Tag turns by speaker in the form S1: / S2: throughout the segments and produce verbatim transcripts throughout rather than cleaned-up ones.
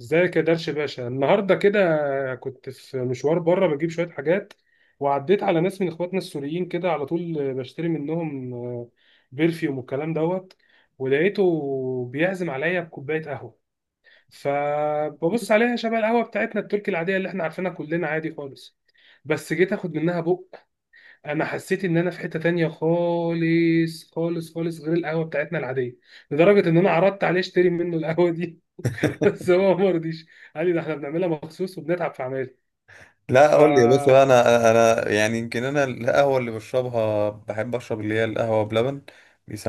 S1: ازيك يا درش باشا النهارده كده، كنت في مشوار بره بجيب شويه حاجات، وعديت على ناس من اخواتنا السوريين كده. على طول بشتري منهم آه، بيرفيوم والكلام دوت. ولقيته بيعزم عليا بكوبايه قهوه، فببص عليها شبه القهوه بتاعتنا التركي العاديه اللي احنا عارفينها كلنا عادي خالص. بس جيت اخد منها بق، انا حسيت ان انا في حته تانية خالص خالص خالص، غير القهوه بتاعتنا العاديه. لدرجه ان انا عرضت عليه اشتري منه القهوه دي. بس هو ما رضيش، قال لي ده احنا بنعملها مخصوص وبنتعب في عملها.
S2: لا،
S1: ف
S2: قول لي يا باشا بقى، انا انا يعني يمكن انا القهوه اللي بشربها بحب اشرب اللي هي القهوه بلبن.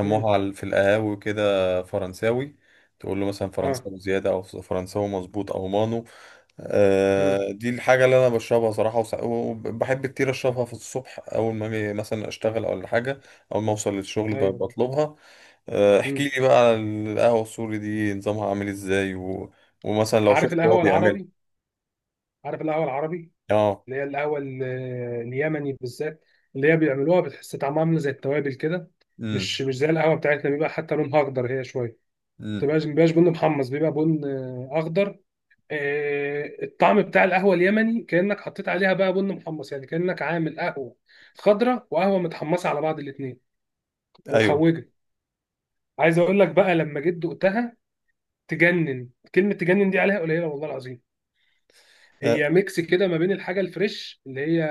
S1: مم.
S2: على- في القهاوي كده فرنساوي. تقول له مثلا
S1: اه.
S2: فرنساوي زياده او فرنساوي مظبوط او مانو.
S1: مم.
S2: آه، دي الحاجه اللي انا بشربها صراحه، وس- وبحب كتير اشربها في الصبح اول ما اجي مثلا اشتغل او حاجه. اول ما اوصل للشغل ب-
S1: ايوه لا.
S2: بطلبها. آه،
S1: مم.
S2: احكي لي بقى على القهوه السوري دي نظامها عامل ازاي، و... ومثلا لو
S1: عارف
S2: شفت هو
S1: القهوه
S2: بيعملها.
S1: العربي؟ عارف القهوه العربي
S2: اه.
S1: اللي هي القهوه ال- اليمني بالذات، اللي هي بيعملوها بتحس طعمها عامل زي التوابل كده.
S2: امم،
S1: مش مش زي القهوه بتاعتنا، بيبقى حتى لونها اخضر، هي شويه ما
S2: امم.
S1: بتبقاش ما بيبقاش بن محمص، بيبقى بن آه، اخضر. آه، الطعم بتاع القهوه اليمني كانك حطيت عليها بقى بن محمص، يعني كانك عامل قهوه خضراء وقهوه متحمصه على بعض الاثنين،
S2: ايوه.
S1: ومحوجه. عايز اقول لك بقى لما جيت دقتها تجنن، كلمه تجنن دي عليها قليله والله العظيم.
S2: أه.
S1: هي ميكس كده ما بين الحاجه الفريش اللي هي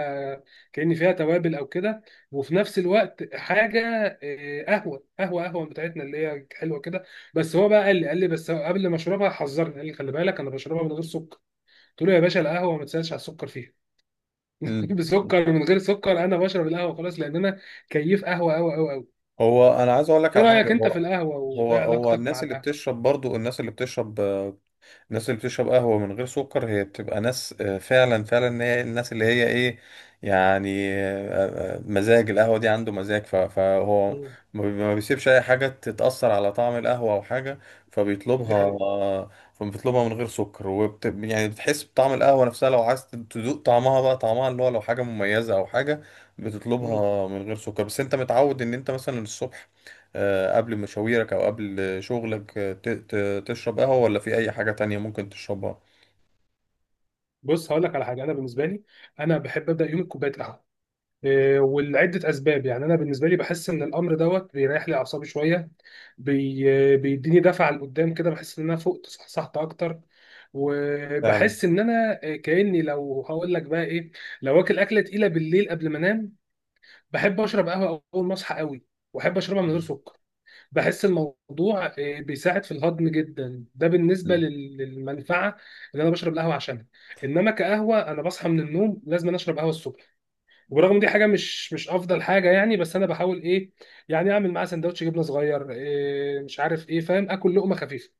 S1: كأن فيها توابل او كده، وفي نفس الوقت حاجه آه، قهوه، قهوه قهوه بتاعتنا اللي هي حلوه كده. بس هو بقى قال لي قال لي بس هو قبل ما اشربها حذرني، قال لي خلي بالك انا بشربها من غير سكر. قلت له يا باشا القهوه ما تسالش على السكر فيها.
S2: مم.
S1: بسكر من غير سكر، انا بشرب القهوه خلاص، لان انا كيف قهوه قوي قوي قوي.
S2: هو انا عايز اقول لك
S1: ايه
S2: على حاجه.
S1: رايك انت في
S2: هو
S1: القهوه،
S2: هو
S1: وايه
S2: هو
S1: علاقتك مع
S2: الناس اللي
S1: القهوه؟
S2: بتشرب برضو الناس اللي بتشرب الناس اللي بتشرب قهوة من غير سكر هي بتبقى ناس، آه، فعلا فعلا، هي الناس اللي هي ايه، يعني آه، آه، مزاج. القهوة دي عنده مزاج. ف- فهو
S1: مم.
S2: ما بي- ما بيسيبش اي حاجة تتأثر على طعم القهوة او حاجة. فبيطلبها
S1: دي حقيقة.
S2: آه، فبيطلبها من غير سكر، وبت يعني بتحس بطعم القهوة نفسها لو عايز تدوق طعمها بقى، طعمها اللي هو لو حاجة مميزة او حاجة. بتطلبها من غير سكر. بس انت متعود ان انت مثلا الصبح، آه، قبل مشاويرك او قبل شغلك، آه، ت- ت- تشرب قهوة ولا في اي حاجة تانية ممكن تشربها؟
S1: بص هقول لك على حاجه، انا بالنسبه لي انا بحب ابدا يومي بكوبايه قهوه. إيه، ولعده اسباب. يعني انا بالنسبه لي بحس ان الامر دوت بيريح لي اعصابي شويه، بي... بيديني دفعه لقدام كده، بحس ان انا فقت صحصحت اكتر.
S2: فعلا.
S1: وبحس ان انا إيه، كاني، لو هقول لك بقى ايه، لو واكل اكله تقيله بالليل قبل ما انام، بحب اشرب قهوه اول ما اصحى قوي، واحب اشربها من غير
S2: مم.
S1: سكر. بحس الموضوع آه، بيساعد في الهضم جدا. ده بالنسبه
S2: مم.
S1: لل- للمنفعه اللي انا بشرب القهوه عشانها. انما كقهوه، انا بصحى من النوم لازم أنا اشرب قهوه الصبح. وبرغم دي حاجه مش مش افضل حاجه يعني، بس انا بحاول ايه، يعني اعمل معاها سندوتش جبنه صغير، إيه مش عارف ايه، فاهم، اكل لقمه خفيفه.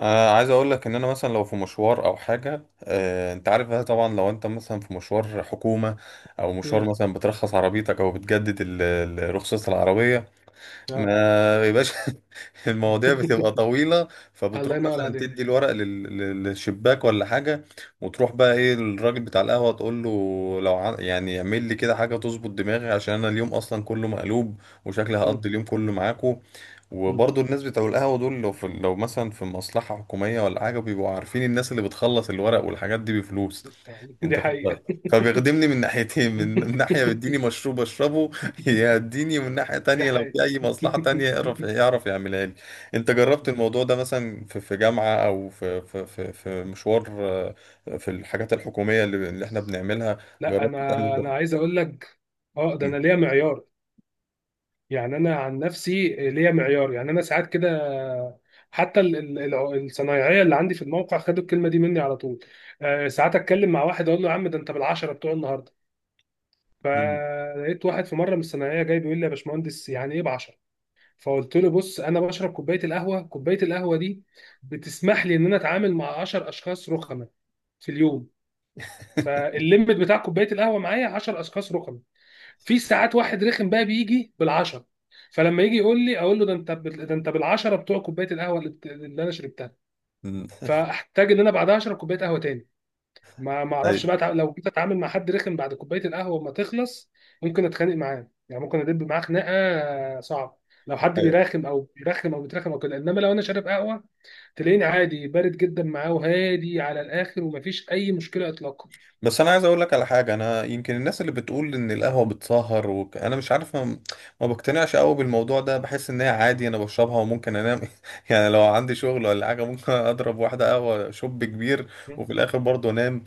S2: آه، عايز اقول لك ان انا مثلا لو في مشوار او حاجة، آه، انت عارف بقى طبعا لو انت مثلا في مشوار حكومة او مشوار
S1: امم.
S2: مثلا بترخص عربيتك او بتجدد ال- ال- رخصة العربية،
S1: اه.
S2: ما يبقاش المواضيع بتبقى طويلة،
S1: الله
S2: فبتروح
S1: ينور
S2: مثلا
S1: عليك.
S2: تدي الورق لل- لل- للشباك ولا حاجة. وتروح بقى ايه الراجل بتاع القهوة تقول له لو ع- يعني اعمل لي كده حاجة تظبط دماغي عشان انا اليوم اصلا كله مقلوب وشكلي
S1: مم.
S2: هقضي اليوم كله معاكو.
S1: مم.
S2: وبرضه الناس بتوع القهوة دول، لو في لو مثلا في مصلحة حكومية ولا حاجة، بيبقوا عارفين الناس اللي بتخلص الورق والحاجات دي بفلوس.
S1: دي
S2: انت فاهم؟
S1: حقيقه.
S2: فبيخدمني من ناحيتين، من من ناحية بيديني مشروب اشربه، يديني من ناحية
S1: دي
S2: تانية لو في
S1: حقيقه.
S2: أي مصلحة تانية يعرف يعرف يعملها لي. أنت جربت الموضوع ده مثلا في في جامعة أو في في في في مشوار، آه، في الحاجات الحكومية اللي اللي إحنا بنعملها؟
S1: لا،
S2: جربت
S1: انا
S2: تعمل؟
S1: انا عايز اقول لك، اه ده انا
S2: م-
S1: ليا معيار. يعني انا عن نفسي ليا معيار. يعني انا ساعات كده، حتى ال- ال- الع- الصنايعيه اللي عندي في الموقع خدوا الكلمه دي مني على طول. آه، ساعات اتكلم مع واحد اقول له يا عم ده انت بالعشره بتوع النهارده.
S2: م-
S1: فلقيت واحد في مره من الصنايعيه جاي بيقول لي يا باشمهندس يعني ايه بعشره. فقلت له بص، انا بشرب كوبايه القهوه، كوبايه القهوه دي بتسمح لي ان انا اتعامل مع عشرة اشخاص رخمه في اليوم. فالليمت بتاع كوبايه القهوه معايا عشرة اشخاص رخمه. في ساعات واحد رخم بقى بيجي بالعشرة، فلما يجي يقول لي اقول له ده انت بال- ده انت بالعشرة بتوع كوبايه القهوه اللي بت- اللي انا شربتها.
S2: م.
S1: فاحتاج ان انا بعدها اشرب كوبايه قهوه تاني. ما ما اعرفش
S2: أيوه.
S1: بقى أتع- لو جيت اتعامل مع حد رخم بعد كوبايه القهوه ما تخلص، ممكن اتخانق معاه، يعني ممكن ادب معاه خناقه صعبه. لو حد بيراخم او بيرخم او بيترخم او كده. انما لو انا شارب قهوه، تلاقيني عادي بارد جدا معاه، وهادي على الاخر، ومفيش اي مشكله اطلاقا.
S2: بس انا عايز اقول لك على حاجه. انا يمكن الناس اللي بتقول ان القهوه بتسهر، وك... انا مش عارف، ما, ما بقتنعش قوي بالموضوع ده. بحس ان هي عادي انا بشربها وممكن انام يعني لو عندي شغل ولا حاجه ممكن اضرب واحده قهوه شوب كبير
S1: م.
S2: وفي الاخر برضه انام.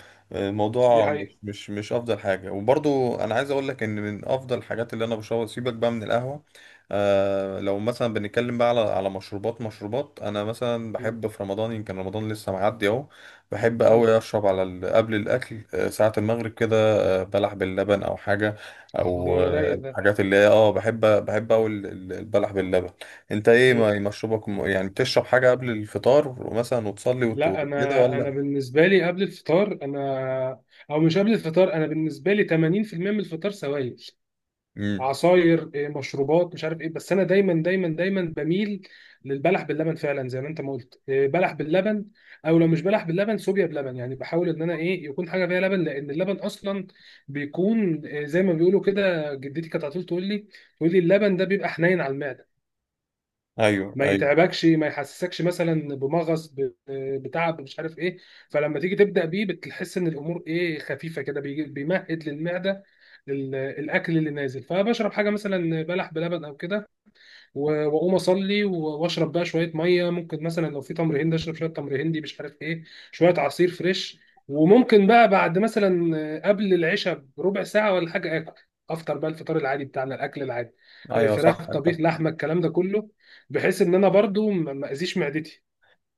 S1: دي
S2: الموضوع مش
S1: حقيقه.
S2: مش مش افضل حاجه. وبرضه انا عايز اقول لك ان من افضل الحاجات اللي انا بشربها، سيبك بقى من القهوه. آه لو مثلا بنتكلم بقى على على مشروبات، مشروبات انا مثلا
S1: مم.
S2: بحب في رمضان، يمكن رمضان لسه معدي اهو، بحب
S1: مم.
S2: أوي أشرب على ال- قبل الأكل، آه، ساعة المغرب كده، آه، بلح باللبن أو حاجة. أو
S1: ده
S2: اه، آه،
S1: رايق.
S2: حاجات اللي هي أه بحب، بحب أوي ال- ال- البلح باللبن. أنت إيه
S1: ده
S2: ما- مشروبك، م- يعني بتشرب حاجة قبل الفطار مثلا وتصلي وت-
S1: لا،
S2: وكده
S1: انا انا
S2: ولا؟
S1: بالنسبه لي قبل الفطار انا، او مش قبل الفطار، انا بالنسبه لي ثمانين في المية من الفطار سوائل،
S2: مم.
S1: عصاير، إيه، مشروبات، مش عارف ايه. بس انا دايما دايما دايما بميل للبلح باللبن، فعلا زي ما انت ما قلت، إيه، بلح باللبن، او لو مش بلح باللبن صوبيا بلبن. يعني بحاول ان انا ايه، يكون حاجه فيها لبن، لان اللبن اصلا بيكون إيه، زي ما بيقولوا كده، جدتي كانت على طول تقول لي، تقول لي اللبن ده بيبقى حنين على المعده،
S2: أيوه.
S1: ما
S2: أيوه.
S1: يتعبكش، ما يحسسكش مثلا بمغص ب- بتعب، مش عارف ايه. فلما تيجي تبدا بيه بتحس ان الامور ايه خفيفه كده، بيجي- بيمهد للمعده، للاكل اللي نازل. فبشرب حاجه مثلا بلح بلبن او كده، و- واقوم اصلي و- واشرب بقى شويه ميه. ممكن مثلا لو في تمر هندي اشرب شويه تمر هندي، مش عارف ايه، شويه عصير فريش. وممكن بقى بعد مثلا قبل العشاء بربع ساعه ولا حاجه، اكل، افطر بقى الفطار العادي بتاعنا، الاكل العادي،
S2: أيوه صح.
S1: فراخ،
S2: أنت
S1: طبيخ، لحمه، الكلام ده كله، بحيث ان انا برضو ما ما اذيش معدتي.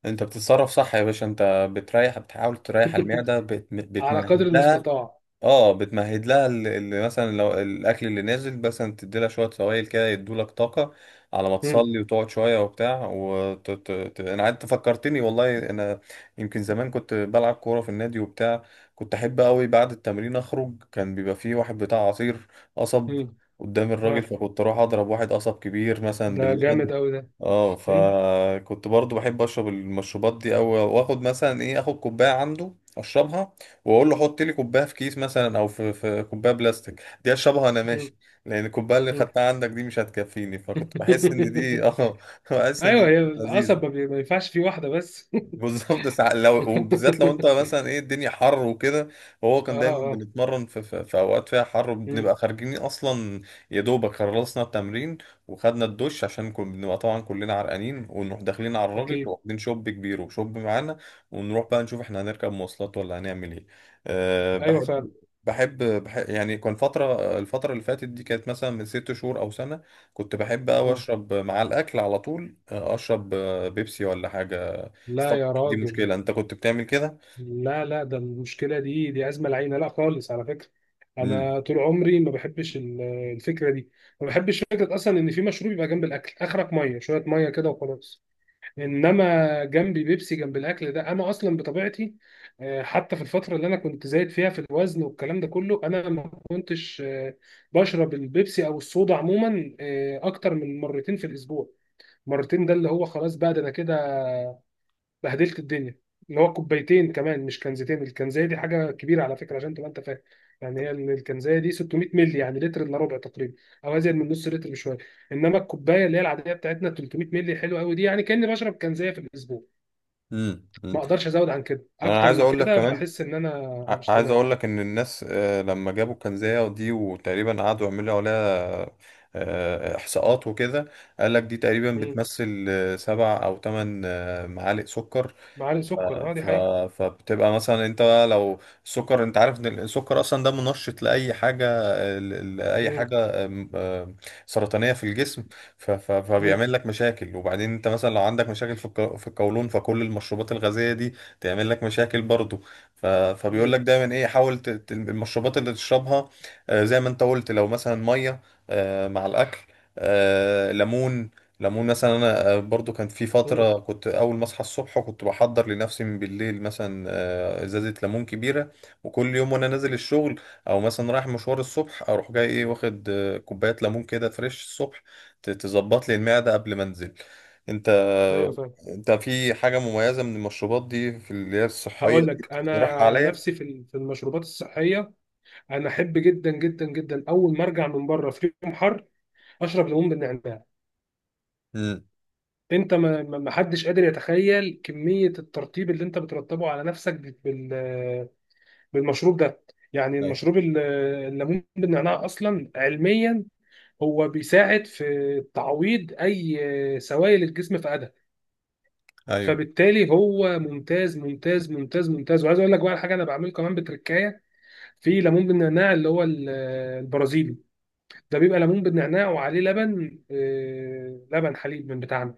S2: أنت بتتصرف صح يا باشا. أنت بتريح، بتحاول تريح المعدة، بت-
S1: على قدر
S2: بتمهد لها.
S1: المستطاع.
S2: اه، بتمهد لها اللي مثلا لو الاكل اللي نازل مثلا تدي لها شويه سوائل كده يدوا لك طاقه على ما
S1: مم.
S2: تصلي وتقعد شويه وبتاع. وت... ت... ت... انا قعدت فكرتني والله انا. يمكن زمان كنت بلعب كوره في النادي وبتاع. كنت احب قوي بعد التمرين اخرج، كان بيبقى فيه واحد بتاع عصير قصب
S1: مم.
S2: قدام الراجل،
S1: آه.
S2: فكنت اروح اضرب واحد قصب كبير مثلا
S1: ده جامد
S2: باللبن.
S1: قوي ده.
S2: اه،
S1: مم.
S2: فكنت برضو بحب اشرب المشروبات دي. او واخد مثلا ايه، اخد كوبايه عنده اشربها، واقول له حط لي كوبايه في كيس مثلا او في في كوبايه بلاستيك، دي اشربها انا
S1: مم.
S2: ماشي، لان الكوبايه اللي
S1: مم.
S2: خدتها عندك دي مش هتكفيني. فكنت بحس ان دي اه، بحس ان
S1: ايوه،
S2: دي
S1: هي
S2: لذيذه.
S1: القصب ما بي- ما ينفعش فيه واحده بس.
S2: بالظبط. ساعة لو، وبالذات لو انت مثلا ايه الدنيا حر وكده. وهو
S1: اه.
S2: كان دايما
S1: اه.
S2: بنتمرن في, في, في, اوقات فيها حر
S1: مم.
S2: وبنبقى خارجين اصلا. يا دوبك خلصنا التمرين وخدنا الدش، عشان كنا بنبقى طبعا كلنا عرقانين، ونروح داخلين على الراجل
S1: اكيد.
S2: واخدين شوب كبير وشوب معانا، ونروح بقى نشوف احنا هنركب مواصلات ولا هنعمل ايه. أه،
S1: ايوه فعلا.
S2: بحب بحب بحب يعني كان فترة الفترة اللي فاتت دي كانت مثلا من ست شهور أو سنة، كنت بحب أوي
S1: مم.
S2: أشرب مع الأكل على طول، آه، أشرب آه، بيبسي ولا حاجة.
S1: لا يا
S2: دي
S1: راجل.
S2: مشكلة، انت كنت بتعمل كده؟
S1: لا لا، ده المشكله دي دي ازمه العينه، لا خالص على فكره.
S2: امم
S1: انا طول عمري ما بحبش ال- الفكره دي. ما بحبش فكره اصلا ان في مشروب يبقى جنب الاكل. اخرك ميه، شويه ميه كده وخلاص. انما جنبي بيبسي جنب الاكل، ده انا اصلا بطبيعتي آه، حتى في الفتره اللي انا كنت زايد فيها في الوزن والكلام ده كله، انا ما كنتش آه، بشرب البيبسي او الصودا عموما آه، اكتر من مرتين في الاسبوع. مرتين ده اللي هو خلاص بقى، ده انا كده بهدلت الدنيا. اللي هو كوبايتين كمان، مش كنزتين. الكنزايه دي حاجه كبيره على فكره، عشان تبقى انت فاهم. يعني هي ال- الكنزايه دي ستمائة مللي، يعني لتر الا ربع تقريبا، او ازيد من نص لتر بشويه. انما الكوبايه اللي هي العاديه بتاعتنا تلتمية مللي حلوه قوي دي. يعني كاني بشرب كنزايه في الاسبوع.
S2: امم
S1: ما اقدرش ازود عن كده،
S2: انا
S1: اكتر
S2: عايز
S1: من
S2: اقول لك
S1: كده
S2: كمان،
S1: بحس ان انا
S2: ع-
S1: مش
S2: عايز
S1: تمام.
S2: اقول لك ان الناس، آه، لما جابوا الكنزية دي وتقريبا قعدوا يعملوا عليها آه، احصاءات وكده، قال لك دي تقريبا
S1: مم.
S2: بتمثل آه، سبع او ثمان معالق سكر.
S1: معالق سكر، اه دي
S2: ف...
S1: حقيقه.
S2: فبتبقى مثلا انت بقى لو السكر، انت عارف ان السكر اصلا ده منشط لاي حاجه، ل- لاي
S1: مم.
S2: حاجه ام- ام سرطانيه في الجسم. ف... ف...
S1: مم.
S2: فبيعمل لك مشاكل. وبعدين انت مثلا لو عندك مشاكل في الق- في القولون، فكل المشروبات الغازيه دي تعمل لك مشاكل برضو. ف... فبيقول
S1: مم.
S2: لك دايما ايه، حاول، ت... ت- المشروبات اللي تشربها، آه، زي ما انت قلت، لو مثلا ميه آه، مع الاكل، آه، ليمون. ليمون مثلا، انا آه، برضو كانت في
S1: مم.
S2: فتره كنت اول ما اصحى الصبح كنت بحضر لنفسي من بالليل مثلا آه، ازازه ليمون كبيره، وكل يوم وانا نازل الشغل او مثلا رايح مشوار الصبح اروح جاي ايه، واخد آه، كوبايه ليمون كده فريش الصبح ت- تظبط لي المعده قبل ما انزل. انت
S1: ايوه فاهم.
S2: انت في حاجه مميزه من المشروبات دي، في اللي هي الصحيه
S1: هقول
S2: دي
S1: لك انا
S2: تقترحها
S1: عن
S2: عليا؟
S1: نفسي في ال- في المشروبات الصحيه، انا احب جدا جدا جدا اول ما ارجع من بره في يوم حر اشرب ليمون بالنعناع.
S2: امم.
S1: انت ما ما- ما حدش قادر يتخيل كميه الترطيب اللي انت بترطبه على نفسك بال- بال- بالمشروب ده. يعني
S2: ايوه.
S1: المشروب ال- الليمون بالنعناع اصلا علميا هو بيساعد في تعويض اي سوائل الجسم فقدها،
S2: ايوه.
S1: فبالتالي هو ممتاز ممتاز ممتاز ممتاز. وعايز اقول لك بقى على حاجه، انا بعمله كمان بتركايه في ليمون بالنعناع، اللي هو ال- البرازيلي. ده بيبقى ليمون بالنعناع وعليه لبن، آه، لبن حليب من بتاعنا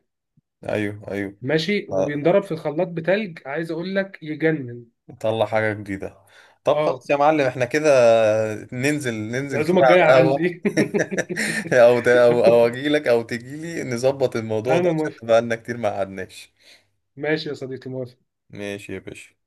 S2: ايوه. ايوه.
S1: ماشي، وبينضرب في الخلاط بتلج. عايز اقول لك يجنن.
S2: نطلع حاجة جديدة. طب
S1: اه.
S2: خلاص يا معلم، احنا كده ننزل، ننزل كده
S1: العزومه
S2: على
S1: الجايه
S2: القهوة
S1: عندي.
S2: او ت- او او اجيلك او تجيلي نظبط الموضوع ده
S1: انا موافق.
S2: عشان بقالنا كتير ما قعدناش.
S1: ماشي يا صديقي، موافق.
S2: ماشي يا باشا.